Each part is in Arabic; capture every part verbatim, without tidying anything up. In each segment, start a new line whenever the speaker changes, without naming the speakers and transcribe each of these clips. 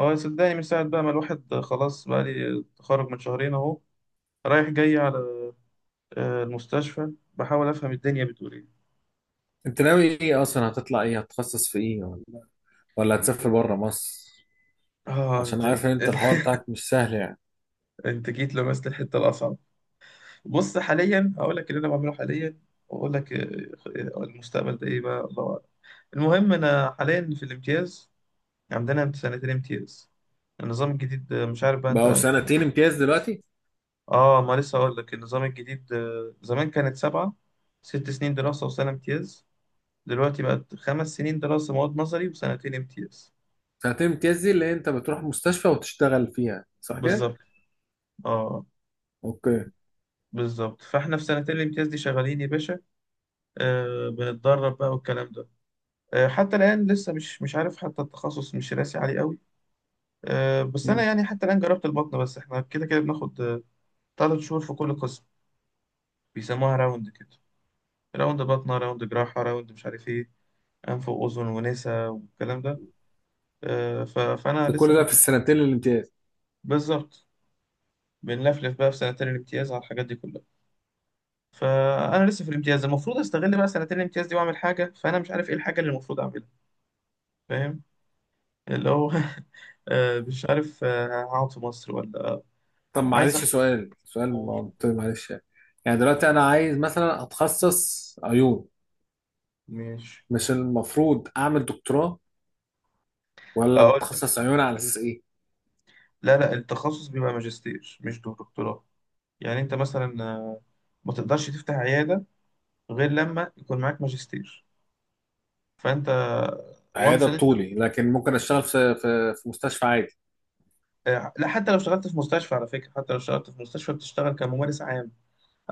هو صدقني مش ساعد بقى، ما الواحد خلاص بقى لي تخرج من شهرين اهو، رايح جاي على آه، المستشفى بحاول افهم الدنيا بتقول ايه.
انت ناوي ايه اصلا؟ هتطلع ايه؟ هتتخصص في ايه ولا ولا هتسافر بره مصر؟
اه
عشان
انت.
عارف ان انت الحوار بتاعك مش سهل يعني.
انت جيت لمست الحته الاصعب. بص حاليا هقول لك اللي انا بعمله حاليا، واقول لك آه، آه، المستقبل ده ايه بقى، الله اعلم. المهم انا حاليا في الامتياز، عندنا امت- سنتين امتياز، النظام الجديد. آه، مش عارف بقى، انت
بقوا
عارف؟
سنتين امتياز دلوقتي؟
اه ما لسه هقول لك النظام الجديد. آه، زمان كانت سبعة، ست سنين دراسة وسنة امتياز، دلوقتي بقت خمس سنين دراسة مواد نظري وسنتين امتياز.
سنتين امتياز دي اللي انت بتروح مستشفى وتشتغل فيها صح كده؟
بالظبط. اه
اوكي.
بالظبط، فاحنا في سنتين الامتياز دي شغالين يا باشا. آه بنتدرب بقى والكلام ده. آه حتى الآن لسه مش مش عارف، حتى التخصص مش راسي عليه قوي. آه بس أنا
مم.
يعني حتى الآن جربت البطنة، بس احنا كده كده بناخد آه، تلات شهور في كل قسم، بيسموها راوند كده، راوند بطنة، راوند جراحة، راوند مش عارف ايه، أنف وأذن ونسا والكلام ده. آه، ف- فأنا
ده
لسه
كل
في
ده في
البطنة.
السنتين الامتياز؟
بالظبط. بنلفلف بقى في سنتين الامتياز على الحاجات دي كلها، فانا لسه في الامتياز، المفروض استغل بقى سنتين الامتياز دي واعمل حاجه، فانا مش عارف ايه الحاجه اللي المفروض اعملها، فاهم؟ اللي هو آه، مش عارف، آه، هقعد في مصر ولا.
طب
عايز
معلش،
احضر.
سؤال سؤال
قول.
منطقي، معلش يعني. يعني دلوقتي انا عايز مثلا اتخصص عيون،
ماشي.
مش المفروض اعمل دكتوراه ولا
اقول لك.
بتخصص عيون على اساس ايه؟
لا لا التخصص بيبقى ماجستير مش دكتوراه. يعني انت مثلا آه، ما تقدرش تفتح عياده غير لما يكون معاك ماجستير، فانت. وانس
عيادة
ان انت.
طولي، لكن ممكن اشتغل في في في مستشفى عادي.
آه، لا حتى لو اشتغلت في مستشفى، على فكره حتى لو اشتغلت في مستشفى بتشتغل كممارس عام،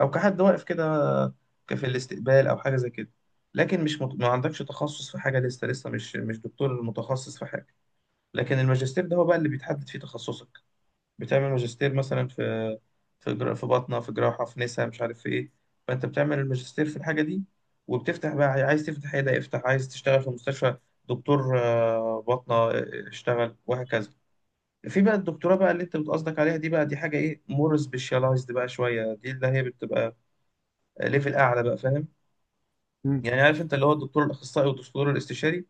او كحد واقف كده في الاستقبال او حاجه زي كده. لكن مش مت... ما عندكش تخصص في حاجه لسه، لسه مش مش دكتور متخصص في حاجه. لكن الماجستير ده هو بقى اللي بيتحدد فيه تخصصك، بتعمل ماجستير مثلا في في جرا... في باطنه، في جراحه، في نسا، مش عارف في ايه. فانت بتعمل الماجستير في الحاجه دي، وبتفتح بقى، عايز تفتح عياده افتح، عايز تشتغل في مستشفى دكتور آه، باطنه آه، اشتغل، وهكذا. في بقى الدكتوراه بقى اللي انت بتقصدك عليها دي بقى، دي حاجه ايه، مور سبيشاليزد بقى شويه، دي اللي هي بتبقى ليفل اعلى بقى، فاهم؟ يعني عارف انت اللي هو الدكتور الاخصائي والدكتور الاستشاري،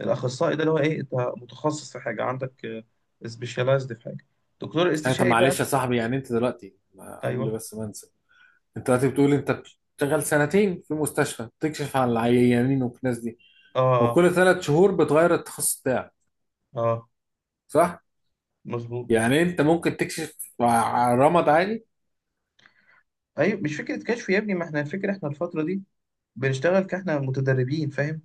الاخصائي ده اللي هو ايه، انت متخصص في حاجه، عندك سبيشاليزد في حاجه. الدكتور
اه طب
الاستشاري بقى.
معلش يا صاحبي، يعني انت دلوقتي، ما- قبل
ايوه.
بس ما انسى، انت دلوقتي بتقول انت بتشتغل سنتين في مستشفى، بتكشف على العيانين والناس دي،
اه
وكل ثلاث شهور بتغير التخصص بتاعك،
اه آه،
صح؟
مظبوط.
يعني انت ممكن تكشف على رمض عادي؟
ايوه مش فكره كشف يا ابني، ما احنا الفكره، احنا الفتره دي بنشتغل كاحنا متدربين، فاهم،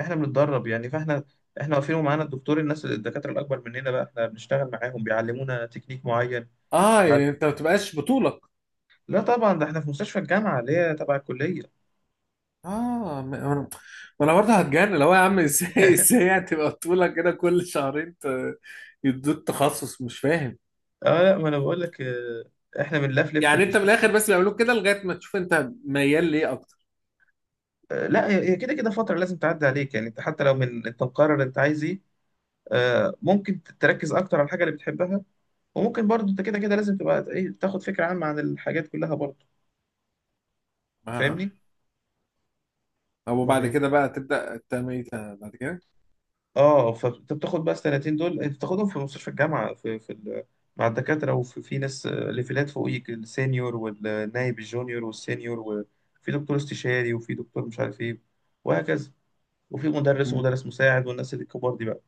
احنا بنتدرب يعني. فاحنا احنا واقفين ومعانا الدكتور، الناس الدكاتره الاكبر مننا بقى احنا بنشتغل معاهم، بيعلمونا تكنيك معين.
اه
يعني
يعني انت ما بتبقاش بطولك.
لا طبعا، ده احنا في مستشفى الجامعه اللي هي تبع الكليه.
اه، ما ما انا ما أنا برضه هتجنن لو يا عم، ازاي ازاي يعني تبقى بطولك كده كل شهرين ت- يدوك تخصص مش فاهم؟
اه لا ما انا بقول لك، آه، احنا بنلفلف في
يعني انت من
المستشفى.
الاخر بس بيعملوك كده لغايه ما تشوف انت ميال ليه اكتر.
آه، لا هي هي كده كده فتره لازم تعدي عليك، يعني انت حتى لو من انت مقرر انت عايز ايه، آه، ممكن تركز اكتر على الحاجه اللي بتحبها، وممكن برضه انت كده كده لازم تبقى ايه، تاخد فكره عامه عن الحاجات كلها برضه.
آه.
فاهمني.
او
امال
بعد
ايه.
كده بقى تبدا تعمل ايه؟ تا- بعد كده.
اه فانت بتاخد بقى السنتين دول، انت بتاخدهم في مستشفى الجامعه في في ال- مع الدكاتره، وفي في ناس آه، ليفلات فوقيك، السينيور والنايب، الجونيور والسينيور، وفي دكتور استشاري، وفي دكتور مش عارف ايه، وهكذا، وفي مدرس
مم.
ومدرس مساعد، والناس اللي الكبار دي بقى.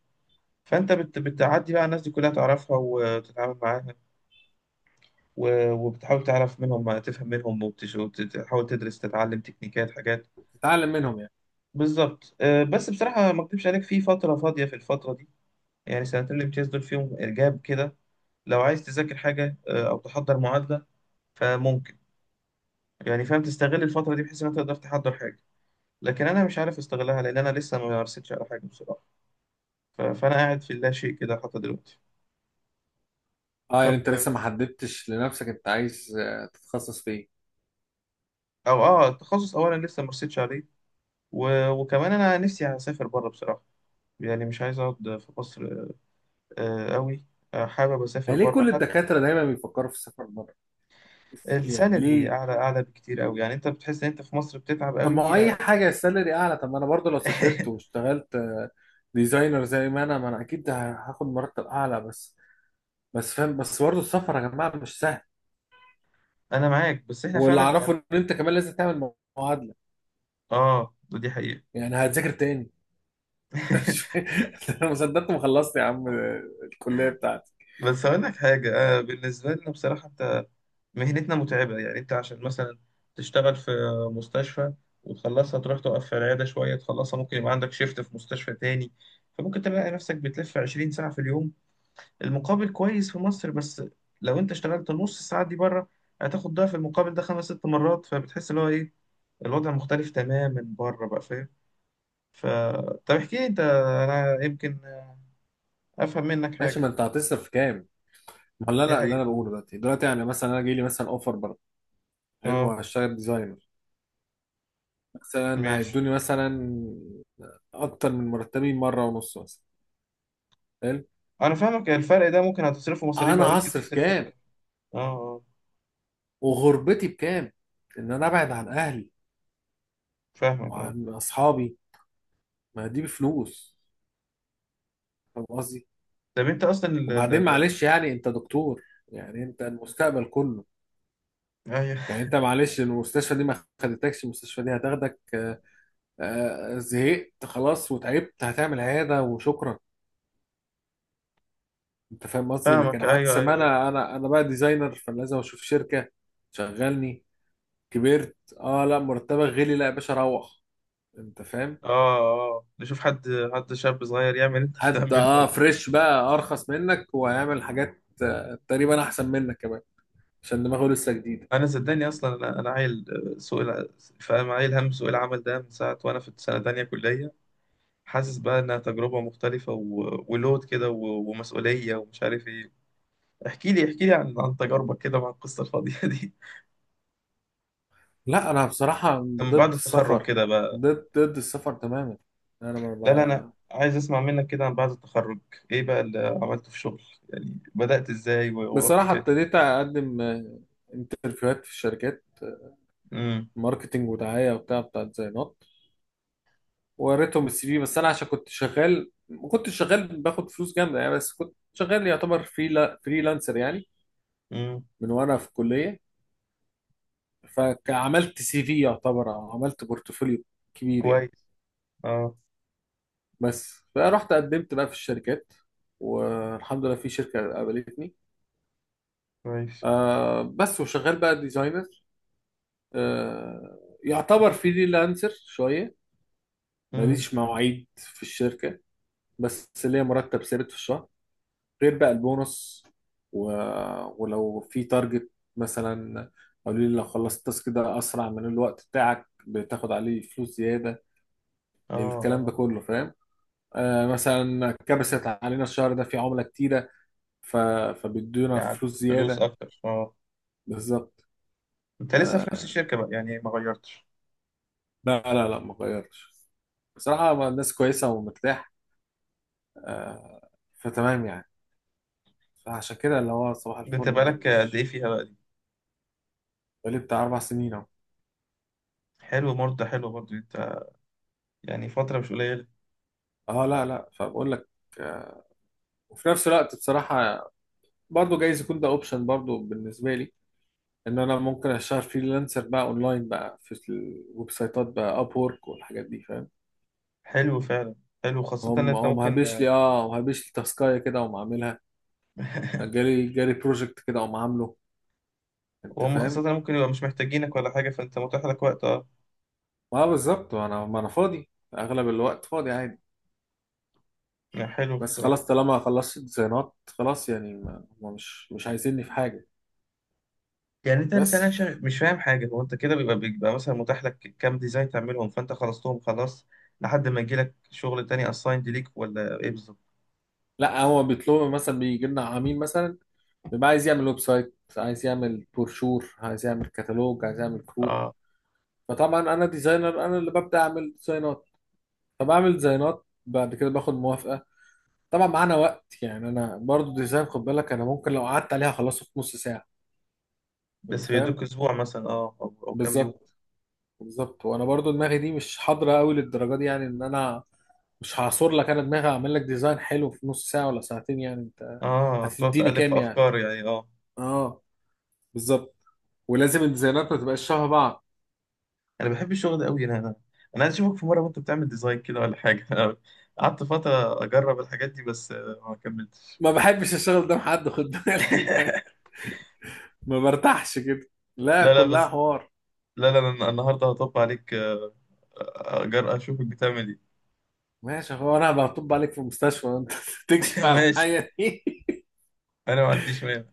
فانت بت... بتعدي بقى الناس دي كلها، تعرفها وتتعامل معاها، و... وبتحاول تعرف منهم، تفهم منهم، وبتش- وتحاول تدرس، تتعلم تكنيكات حاجات.
تتعلم منهم يعني.
بالظبط. آه، بس بصراحة ما اكدبش عليك، في فترة فاضية في الفترة دي، يعني سنتين الامتياز دول فيهم إرجاب كده. لو عايز تذاكر حاجة آه، أو تحضر معادلة فممكن، يعني فاهم، تستغل الفترة دي بحيث إن أنت تقدر تحضر حاجة. لكن أنا مش عارف أستغلها، لأن أنا لسه ما مارستش على حاجة بصراحة. ف- فأنا قاعد في اللاشيء كده حتى دلوقتي.
اه يعني
طب.
انت لسه ما حددتش لنفسك انت عايز آه، تتخصص في ايه.
او اه التخصص اولا لسه ما رسيتش عليه. و... وكمان انا نفسي اسافر بره بصراحه، يعني مش عايز اقعد في مصر آه، قوي. آه، حابب اسافر
يعني ليه
بره
كل
حتى.
الدكاتره دايما بيفكروا في السفر بره؟ بس- يعني
السالري
ليه؟
اعلى، اعلى بكتير قوي، يعني انت بتحس ان انت في مصر بتتعب
طب ما هو
قوي
اي
آه،
حاجه السالري اعلى. طب ما انا برضو، لو سافرت واشتغلت آه، ديزاينر زي ما انا ما انا اكيد هاخد مرتب اعلى بس. بس فاهم، بس برضو السفر يا جماعه مش سهل.
انا معاك، بس احنا
واللي
فعلا
اعرفه
يعني.
ان انت كمان لازم تعمل معادله.
اه دي حقيقه.
يعني هتذاكر تاني؟ مش- انا ما صدقت ما خلصت يا عم آه، الكليه بتاعتي.
بس اقول لك حاجه آه، بالنسبه لنا بصراحه مهنتنا متعبة، يعني أنت عشان مثلا تشتغل في مستشفى وتخلصها، تروح تقف في العيادة شوية تخلصها، ممكن يبقى عندك شيفت في مستشفى تاني، فممكن تلاقي نفسك بتلف 20 ساعة في اليوم. المقابل كويس في مصر، بس لو أنت اشتغلت نص الساعة دي بره هتاخد ضعف المقابل ده خمس ست مرات، فبتحس اللي هو إيه، الوضع مختلف تماما بره بقى، فاهم؟ ف طب احكي لي أنت، أنا يمكن أفهم منك
ماشي،
حاجة.
ما انت هتصرف كام؟ ما هو اللي
دي
انا اللي
حقيقة.
انا بقوله دلوقتي دلوقتي يعني مثلا انا جاي لي مثلا اوفر بره. حلو،
أه.
هشتغل ديزاينر، مثلا
ماشي.
هيدوني مثلا اكتر من مرتبي مره ونص مثلا. حلو.
أنا فاهمك، الفرق ده ممكن هتصرفه مصاريف، أو
انا
يمكن
هصرف
تصرف
كام؟
أكتر. أه اه.
وغربتي بكام؟ ان انا ابعد عن اهلي
فاهمك اه.
وعن اصحابي، ما دي بفلوس، فاهم قصدي.
طب انت اصلا ال... ال...
وبعدين
ال...
معلش، يعني انت دكتور، يعني انت المستقبل كله.
ايوه.
يعني انت معلش، المستشفى دي ما خدتكش، المستشفى دي هتاخدك آه، آه، زهقت خلاص وتعبت، هتعمل عياده وشكرا. انت فاهم قصدي، لكن
فاهمك،
عكس
ايوه
ما
ايوه ايوه
انا انا انا بقى ديزاينر، فلازم اشوف شركه شغلني. كبرت، اه، لا مرتبك غلي، لا يا باشا روح. انت فاهم.
اه اه نشوف حد، حد شاب صغير يعمل انت
حد
بتعمله
اه
ولا.
فريش بقى ارخص منك وهيعمل حاجات آه، تقريبا احسن منك كمان عشان دماغه لسه جديده.
انا صدقني اصلا انا انا عيل، آه، سوق الع- فاهم، عيل، هم سوق العمل ده من ساعه وانا في سنه تانية كليه. حاسس بقى انها تجربه مختلفه، و... ولود كده، و... ومسؤوليه ومش عارف ايه. احكي لي، احكي لي عن عن تجاربك كده مع القصه الفاضيه دي.
لا انا بصراحه
من بعد
ضد
التخرج
السفر،
كده بقى.
ضد ضد السفر تماما. انا
لا لا انا
ما
عايز اسمع منك كده عن بعد التخرج ايه بقى اللي عملته في شغل، يعني بدأت ازاي و-
ب...
ورحت
بصراحه
فين.
ابتديت اقدم آه، انترفيوهات في الشركات،
امم.
ماركتينج ودعايه، وبتاع بتاع ديزاينات. وريتهم السي في، بس انا عشان كنت شغال، ما كنتش شغال باخد فلوس جامده يعني، بس كنت شغال يعتبر فريلا فريلانسر يعني
امم.
من وانا في الكليه. فعملت سي في يعتبر، أو عملت بورتفوليو كبير يعني.
كويس. اه.
بس فرحت قدمت بقى في الشركات، والحمد لله في شركه قابلتني.
كويس.
آه بس وشغال بقى ديزاينر، آه يعتبر فريلانسر شويه.
امم.
ماليش مواعيد في الشركه، بس ليا مرتب ثابت في الشهر، غير بقى البونص، و... ولو في تارجت مثلا، قالوا لي لو خلصت التاسك ده اسرع من الوقت بتاعك بتاخد عليه فلوس زياده،
اه
الكلام
اه،
ده كله فاهم. آه مثلا كبست علينا الشهر ده في عمله كتيره، ف... فبيدونا
يعني
فلوس
فلوس
زياده.
اكتر اه.
بالظبط.
انت لسه في نفس الشركه بقى، يعني ما غيرتش.
لا لا لا، ما غيرش. بصراحه ما الناس كويسه ومرتاح. آه فتمام يعني. فعشان كده اللي هو صباح
انت
الفل يعني،
بقالك قد ايه
مش.
فيها بقى دي.
بقالي بتاع اربع سنين اهو.
حلو برضه، حلو برضه انت، يعني فتره مش قليله.
اه لا لا، فبقول لك آه، وفي نفس الوقت بصراحة برضه جايز يكون ده اوبشن برضه بالنسبه لي، ان انا ممكن اشتغل فريلانسر بقى اونلاين بقى في الويب سايتات بقى اب وورك والحاجات دي، فاهم.
حلو فعلا، حلو خاصه ان
هم
انت
هم
ممكن.
هبش لي اه، وهبش لي تاسكايه كده وما عاملها، جالي جالي بروجكت كده وما عامله، انت
وهم خاصه
فاهم.
ممكن يبقى مش محتاجينك ولا حاجه، فانت متاح لك وقت اه.
اه بالظبط، ما انا ما انا فاضي اغلب الوقت فاضي عادي.
يعني حلو
بس
بصراحه.
خلاص طالما خلصت ديزاينات خلاص يعني، ما هم مش مش عايزيني في حاجه.
يعني انت لسه،
بس.
أنا عشان مش فاهم حاجه، هو انت كده بيبقى بيبقى مثلا متاح لك كام ديزاين تعملهم، فانت خلصتهم خلاص لحد ما يجي لك شغل تاني اسايند ليك، ولا ايه بالظبط.
لا هو بيطلبوا مثلا، بيجي لنا عميل مثلا بيبقى عايز يعمل ويب سايت، عايز يعمل بروشور، عايز يعمل كتالوج، عايز يعمل كروت.
اه
فطبعا انا ديزاينر، انا اللي ببدا اعمل ديزاينات. فبعمل ديزاينات بعد كده باخد موافقه. طبعا معانا وقت يعني، انا برضو ديزاين خد بالك، انا ممكن لو قعدت عليها اخلصه في نص ساعه، انت
بس
فاهم.
بيدوك اسبوع مثلا، اه او أو كام يوم.
بالظبط، بالظبط. وانا برضو دماغي دي مش حاضره قوي للدرجه دي، يعني ان انا مش هعصر لك انا دماغي اعمل لك ديزاين حلو في نص ساعه ولا ساعتين، يعني انت
اه تقعد
هتديني
تألف
كام
في
يعني.
افكار يعني اه.
اه بالظبط. ولازم الديزاينات ما تبقاش شبه بعض.
انا بحب الشغل ده قوي، انا انا انا عايز اشوفك في مره وانت بتعمل ديزاين كده ولا حاجه. أنا قعدت فتره اجرب الحاجات دي، بس آه، ما كملتش.
ما بحبش الشغل ده مع حد، خد بالك. ما برتاحش كده. لا
لا لا
كلها
بس.
حوار.
لا لا أنا النهارده هطب عليك آه، اجر اشوفك بتعمل ايه.
ماشي، هو انا بطب عليك في المستشفى انت تكشف على
ماشي،
الحاجه دي.
انا ما عنديش مانع.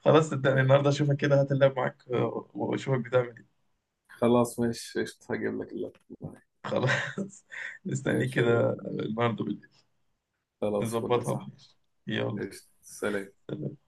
خلاص صدقني النهارده اشوفك كده، هات اللاب معاك آه، واشوفك بتعمل ايه.
خلاص ماشي قشطة، هجيب لك اللابتوب معايا.
خلاص. مستنيك
ماشي شغال.
كده النهارده بالليل.
خلاص فل يا
نظبطها،
صاحبي.
ماشي. يلا.
قشطة سلام.
سلام.